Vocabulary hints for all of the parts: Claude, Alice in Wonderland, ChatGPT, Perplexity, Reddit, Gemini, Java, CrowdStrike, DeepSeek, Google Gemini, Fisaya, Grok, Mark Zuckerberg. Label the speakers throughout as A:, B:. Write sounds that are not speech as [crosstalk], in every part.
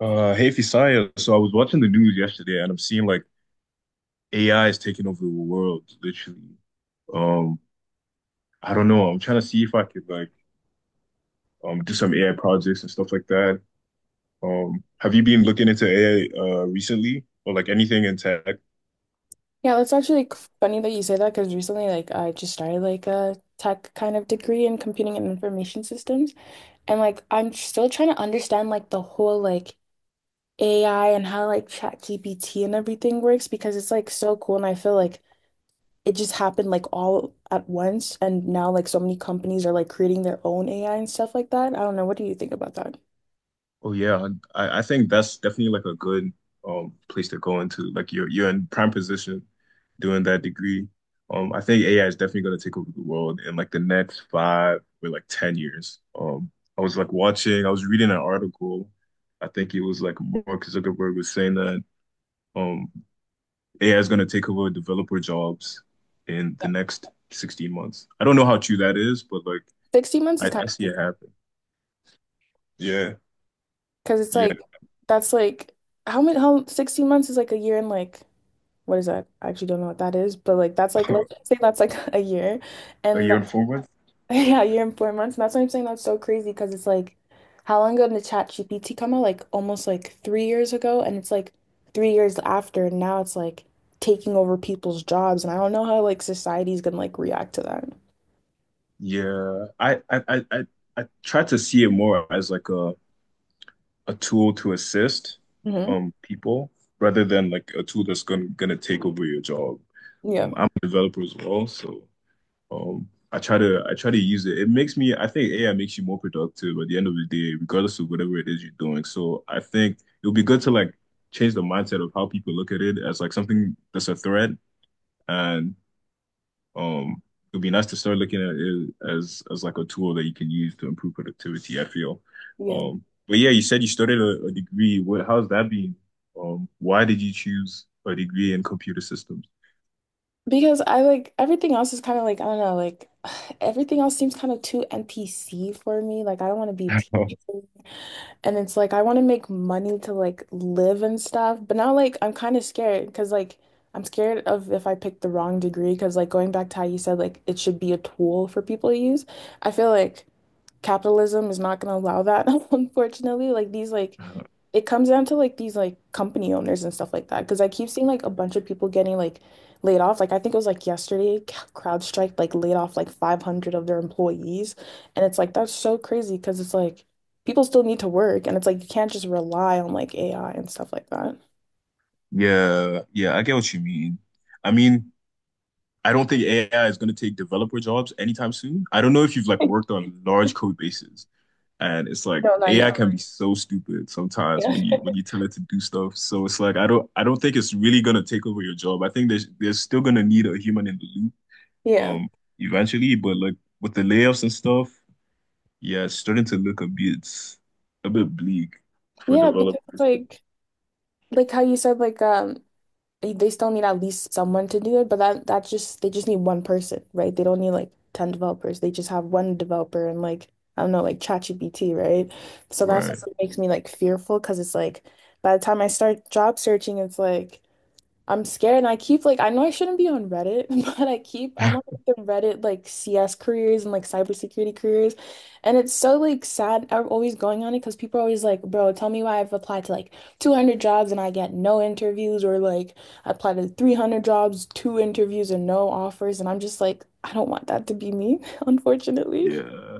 A: Hey Fisaya, so I was watching the news yesterday and I'm seeing like AI is taking over the world, literally. Um, I don't know. I'm trying to see if I could like do some AI projects and stuff like that. Have you been looking into AI recently or like anything in tech?
B: Yeah, that's actually funny that you say that because recently, I just started like a tech kind of degree in computing and information systems, and like, still trying to understand like the whole like AI and how like ChatGPT and everything works because it's like so cool, and I feel like it just happened like all at once, and now like so many companies are like creating their own AI and stuff like that. I don't know. What do you think about that?
A: Oh yeah, I think that's definitely like a good place to go into. Like you're in prime position doing that degree. I think AI is definitely going to take over the world in like the next five or like 10 years. I was like watching, I was reading an article. I think it was like Mark Zuckerberg was saying that um AI is going to take over developer jobs in the next 16 months. I don't know how true that is, but like
B: 16 months is
A: I,
B: kind
A: I see
B: of
A: it happen. Yeah,
B: because it's
A: yeah.
B: like that's like how many how 16 months is like a year and like. What is that? I actually don't know what that is, but like that's like let's
A: [laughs]
B: say that's like [laughs] a year,
A: Are
B: and
A: you
B: that's
A: informed?
B: [laughs] yeah, a year and 4 months. And that's why I'm saying that's so crazy because it's like how long ago did ChatGPT come out? Like almost like 3 years ago, and it's like 3 years after, and now it's like taking over people's jobs, and I don't know how like society's gonna like react to that.
A: Yeah, I I try to see it more as like a tool to assist
B: Hmm.
A: people rather than like a tool that's gonna take over your job.
B: Yeah,
A: I'm a developer as well, so I try to use it. It makes me I think AI makes you more productive at the end of the day, regardless of whatever it is you're doing. So I think it would be good to like change the mindset of how people look at it as like something that's a threat and um, it'd be nice to start looking at it as like a tool that you can use to improve productivity, I feel.
B: yeah.
A: But yeah, you said you started a degree. What, how's that been? Why did you choose a degree in computer systems?
B: Because I like everything else is kind of like I don't know, like [sighs] everything else seems kind of too NPC for me. Like I don't want to be a teacher.
A: [laughs]
B: And it's like I want to make money to like live and stuff, but now like I'm kind of scared because like I'm scared of if I pick the wrong degree because like going back to how you said like it should be a tool for people to use. I feel like capitalism is not going to allow that, [laughs] unfortunately. Like these like it comes down to like these like company owners and stuff like that. Because I keep seeing like a bunch of people getting like laid off. Like I think it was like yesterday, [laughs] CrowdStrike like laid off like 500 of their employees, and it's like that's so crazy because it's like people still need to work, and it's like you can't just rely on like AI and stuff like that.
A: Yeah, yeah, I get what you mean. I mean, I don't think AI is going to take developer jobs anytime soon. I don't know if you've like
B: [laughs]
A: worked on large code bases. And it's like
B: No, not
A: AI
B: yet.
A: can be totally so stupid sometimes
B: Yeah. [laughs]
A: when you tell it to do stuff. So it's like I don't think it's really gonna take over your job. I think there's still gonna need a human in the loop,
B: Yeah.
A: um eventually, but like with the layoffs and stuff, yeah, it's starting to look a bit bleak for
B: Yeah, because it's
A: developers.
B: like how you said like they still need at least someone to do it, but that's just they just need one person, right? They don't need like 10 developers. They just have one developer and like I don't know, like ChatGPT, right? So that's
A: Right. So
B: what makes me like fearful because it's like by the time I start job searching, it's like I'm scared and I keep like I know I shouldn't be on Reddit, [laughs] but I keep I'm on like, the Reddit like CS careers and like cybersecurity careers. And it's so like sad I'm always going on it because people are always like, bro, tell me why I've applied to like 200 jobs and I get no interviews or like I applied to 300 jobs, two interviews and no offers. And I'm just like, I don't want that to be me, [laughs] unfortunately.
A: yeah.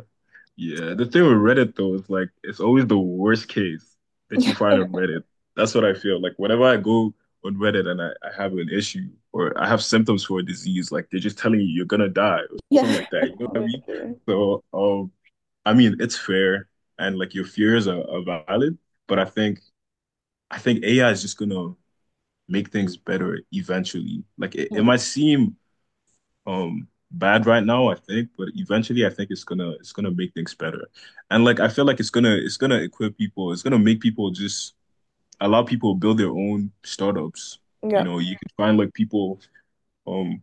A: Yeah, the thing with Reddit though is like it's always the worst case that you
B: Yeah.
A: find on Reddit. That's what I feel. Like whenever I go on Reddit and I have an issue or I have symptoms for a disease, like they're just telling you you're gonna die or something like
B: [laughs]
A: that. You know what I mean? So, I mean it's fair and like your fears are valid, but I think AI is just gonna make things better eventually. Like it might seem bad right now, I think, but eventually I think it's gonna make things better. And like I feel like it's gonna equip people, it's gonna make people just allow people to build their own startups. You
B: Yeah.
A: know, you can find like people um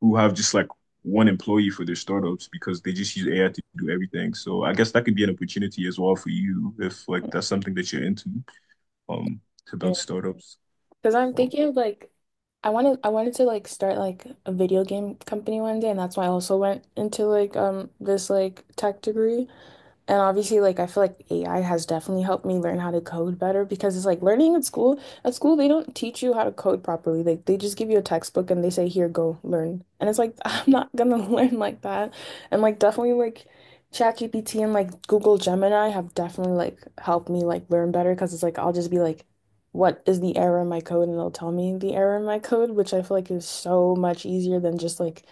A: who have just like one employee for their startups because they just use AI to do everything. So I guess that could be an opportunity as well for you if like that's something that you're into, um, to
B: Yeah.
A: build startups.
B: Because I'm
A: Oh,
B: thinking of like I wanted to like start like a video game company one day and that's why I also went into like this like tech degree. And obviously, like I feel like AI has definitely helped me learn how to code better because it's like learning at school. At school, they don't teach you how to code properly. Like they just give you a textbook and they say, "Here, go learn." And it's like [laughs] I'm not gonna [laughs] learn like that. And like definitely like ChatGPT and like Google Gemini have definitely like helped me like learn better because it's like I'll just be like, "What is the error in my code?" and it'll tell me the error in my code, which I feel like is so much easier than just like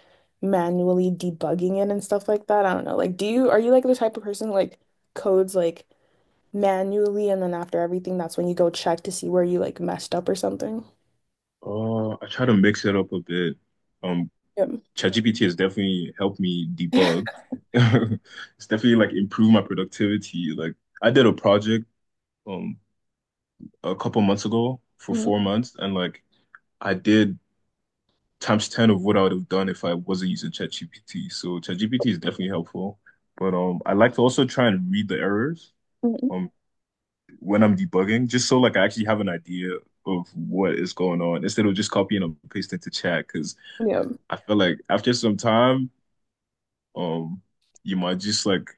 B: manually debugging it and stuff like that. I don't know. Like, do you are you like the type of person who, like codes like manually and then after everything, that's when you go check to see where you like messed up or something?
A: I try to mix it up a bit. Um,
B: Yep.
A: ChatGPT has definitely helped me debug.
B: [laughs]
A: [laughs] It's definitely like improved my productivity. Like I did a project um a couple months ago for
B: Mhm.
A: 4 months, and like I did times 10 of what I would have done if I wasn't using ChatGPT. So ChatGPT is definitely helpful. But I like to also try and read the errors
B: Mhm.
A: um when I'm debugging, just so like I actually have an idea of what is going on instead of just copying and pasting to chat. Because
B: Yep.
A: I feel like after some time, um you might just like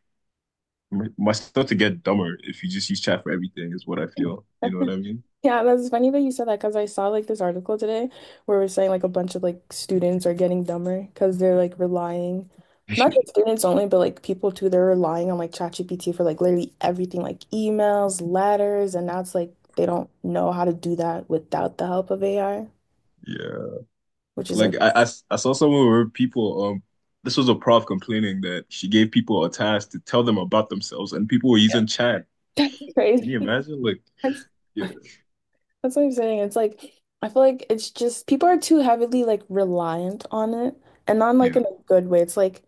A: might start to get dumber if you just use chat for everything, is what I feel. You know what I mean?
B: Yeah, that's funny that you said that because I saw like this article today where we're saying like a bunch of like students are getting dumber because they're like relying, not just
A: [laughs]
B: students only, but like people too. They're relying on like ChatGPT for like literally everything, like emails, letters, and now it's like they don't know how to do that without the help of AI,
A: Yeah.
B: which is like
A: Like I saw someone where people this was a prof complaining that she gave people a task to tell them about themselves and people were using chat.
B: [laughs] that's
A: Can
B: crazy.
A: you imagine? Like
B: That's
A: yeah,
B: that's what I'm saying. It's like I feel like it's just people are too heavily like reliant on it, and not in, like
A: yeah,
B: in a good way. It's like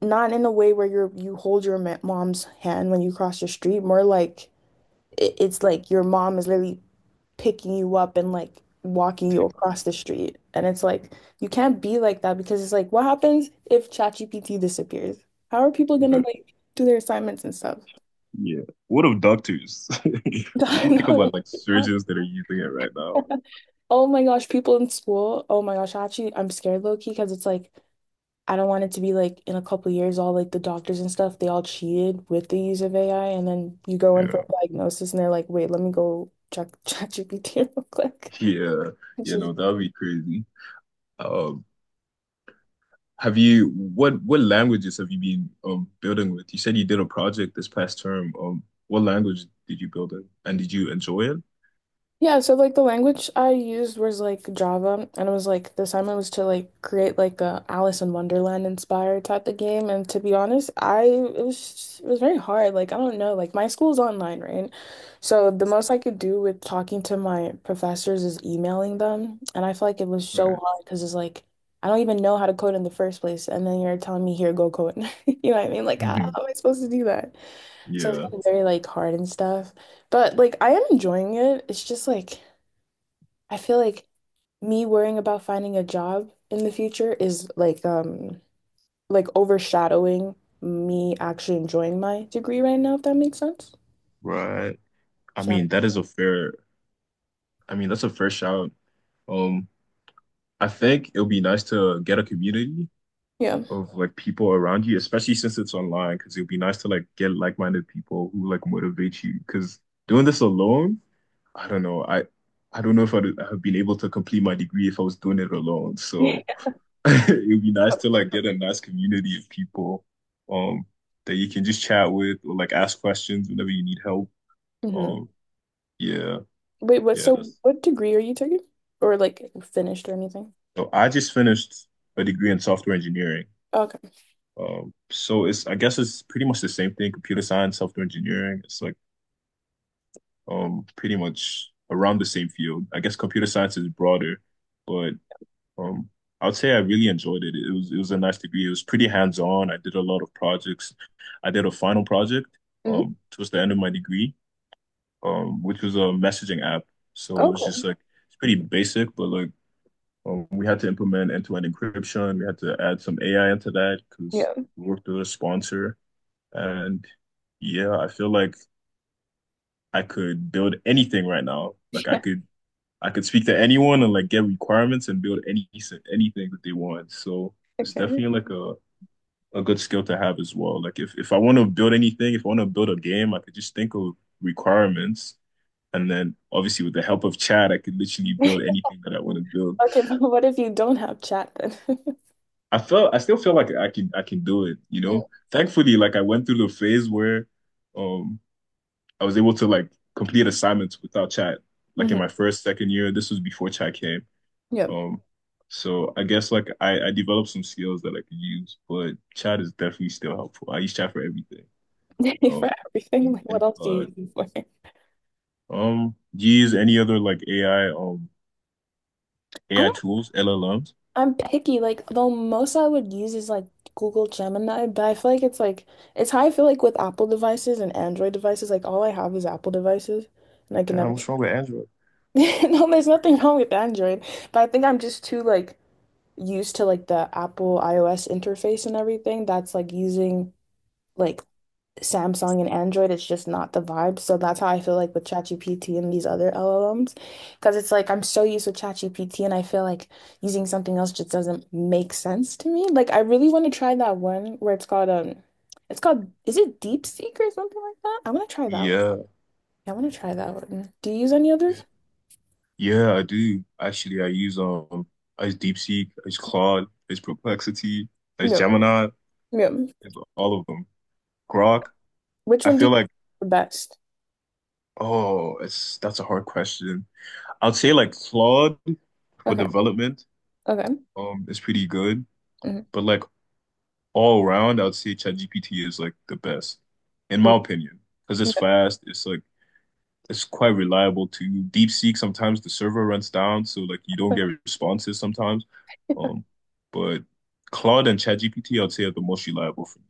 B: not in a way where you're you hold your mom's hand when you cross the street, more like it's like your mom is literally picking you up and like walking you
A: taking it.
B: across the street. And it's like you can't be like that because it's like what happens if ChatGPT disappears? How are people gonna
A: Right.
B: like do their assignments and stuff?
A: Yeah. What of doctors? [laughs] Would
B: [laughs]
A: you think
B: No.
A: about like surgeons that are using it right now?
B: Oh my gosh, people in school. Oh my gosh, actually, I'm scared low key because it's like I don't want it to be like in a couple years, all like the doctors and stuff, they all cheated with the use of AI. And then you go in for
A: Yeah.
B: a diagnosis and they're like, wait, let me go check [laughs] ChatGPT real quick.
A: Yeah.
B: Which
A: Yeah,
B: is
A: no, that would be crazy. Um have you what languages have you been building with? You said you did a project this past term. What language did you build in and did you enjoy it?
B: Yeah, so like the language I used was like Java, and it was like the assignment was to like create like a Alice in Wonderland inspired type of game. And to be honest, I it was very hard. Like I don't know, like my school's online, right? So the most I could do with talking to my professors is emailing them, and I feel like it was so
A: Right.
B: hard because it's like I don't even know how to code in the first place, and then you're telling me here, go code. [laughs] You know what I mean? Like, how am
A: [laughs]
B: I supposed to do that? So it's
A: Yeah,
B: been very like hard and stuff. But like I am enjoying it. It's just like I feel like me worrying about finding a job in the future is like overshadowing me actually enjoying my degree right now, if that makes sense.
A: right. I
B: So
A: mean, that is a fair, I mean, that's a fair shout. Um, I think it'll be nice to get a community
B: yeah.
A: of like people around you, especially since it's online, because it'll be nice to like get like-minded people who like motivate you. Because doing this alone, I don't know. I don't know if I'd have been able to complete my degree if I was doing it alone. So
B: [laughs]
A: [laughs] it'd be nice to like get a nice community of people, um, that you can just chat with or like ask questions whenever you need help.
B: Hmm.
A: Um, yeah,
B: Wait, what
A: yeah,
B: so
A: that's
B: what degree are you taking? Or like finished or anything?
A: So I just finished a degree in software engineering.
B: Okay.
A: So it's I guess it's pretty much the same thing, computer science, software engineering. It's like pretty much around the same field. I guess computer science is broader, but um I would say I really enjoyed it. It was a nice degree. It was pretty hands-on. I did a lot of projects. I did a final project
B: Hmm.
A: towards the end of my degree, which was a messaging app. So it
B: Oh,
A: was just
B: cool.
A: like it's pretty basic, but like we had to implement end-to-end encryption. We had to add some AI into that because
B: Yeah.
A: we worked with a sponsor. And yeah, I feel like I could build anything right now.
B: [laughs]
A: Like
B: Yeah.
A: I could speak to anyone and like get requirements and build any anything that they want. So it's
B: Okay.
A: definitely like a good skill to have as well. Like if I want to build anything, if I want to build a game, I could just think of requirements and then obviously with the help of chat, I could literally build
B: [laughs]
A: anything that I want to build.
B: Okay, but what if you don't have chat then?
A: I still feel like I can do it, you know.
B: [laughs]
A: Thankfully, like I went through the phase where um I was able to like complete assignments without chat. Like in
B: Mm-hmm.
A: my first, second year, this was before chat came.
B: Yeah.
A: Um so I guess like I developed some skills that I could use, but chat is definitely still helpful. I use chat for everything.
B: [laughs] For
A: Um
B: everything,
A: and,
B: like what
A: and
B: else do you
A: Claude.
B: use it for?
A: Do you use any other like
B: I
A: AI
B: don't,
A: tools, LLMs?
B: I'm picky. Like, the most I would use is like Google Gemini, but I feel like, it's how I feel like with Apple devices and Android devices. Like, all I have is Apple devices, and I can never,
A: Damn, what's wrong with Android?
B: [laughs] no, there's nothing wrong with Android, but I think I'm just too like used to like the Apple iOS interface and everything that's like using. Like. Samsung and Android, it's just not the vibe. So that's how I feel like with ChatGPT and these other LLMs. Because it's like I'm so used with ChatGPT and I feel like using something else just doesn't make sense to me. Like I really want to try that one where it's called is it DeepSeek or something like that? I want to try that one.
A: Yeah.
B: I want to try that one. Do you use any others?
A: Yeah, I do. Actually, I use DeepSeek, I use Claude, I use Perplexity, I use
B: Yeah.
A: Gemini, I
B: Yeah.
A: use all of them. Grok.
B: Which
A: I
B: one do you
A: feel
B: think
A: like
B: is the best?
A: oh, it's that's a hard question. I'd say like Claude for
B: Okay.
A: development
B: Okay.
A: is pretty good,
B: Mhm.
A: but like all around, I'd say ChatGPT is like the best in my opinion because it's fast. It's like it's quite reliable too. DeepSeek, sometimes the server runs down, so like you don't
B: Mhm.
A: get responses sometimes. Um, but Claude and ChatGPT, I'd say are the most reliable for me.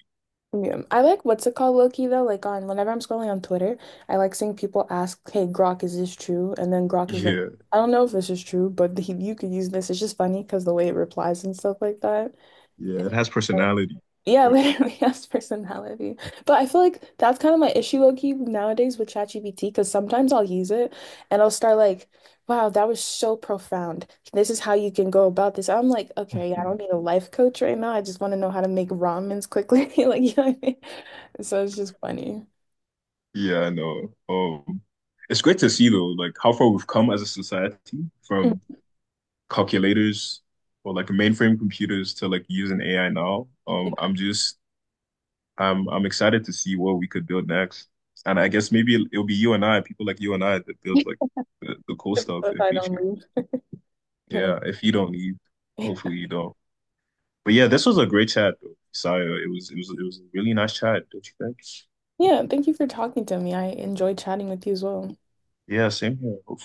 B: Yeah. I like what's it called, Loki, though. Like on whenever I'm scrolling on Twitter, I like seeing people ask, "Hey, Grok, is this true?" And then Grok is like,
A: Yeah,
B: "I don't know if this is true, but he, you could use this." It's just funny because the way it replies and stuff like that.
A: yeah, it has personality.
B: Yeah, [laughs]
A: You
B: literally has personality. But I feel like that's kind of my issue low key nowadays with ChatGPT because sometimes I'll use it and I'll start like, wow, that was so profound. This is how you can go about this. I'm like,
A: know.
B: okay, I don't need a life coach right now. I just want to know how to make ramens quickly. [laughs] Like, you know what I mean? So it's just funny.
A: Yeah, I know. It's great to see though, like how far we've come as a society
B: Mm.
A: from calculators or like mainframe computers to like using AI now.
B: Yeah,
A: I'm just I'm excited to see what we could build next. And I guess maybe it'll be you and I, people like you and I that build like the cool stuff
B: if
A: in
B: I don't
A: future.
B: move. Yeah.
A: Yeah, if you don't leave, hopefully
B: [laughs]
A: you don't. But yeah, this was a great chat though, Saya. It was a really nice chat, don't you think?
B: Yeah, thank you for talking to me. I enjoyed chatting with you as well.
A: Yeah, same here.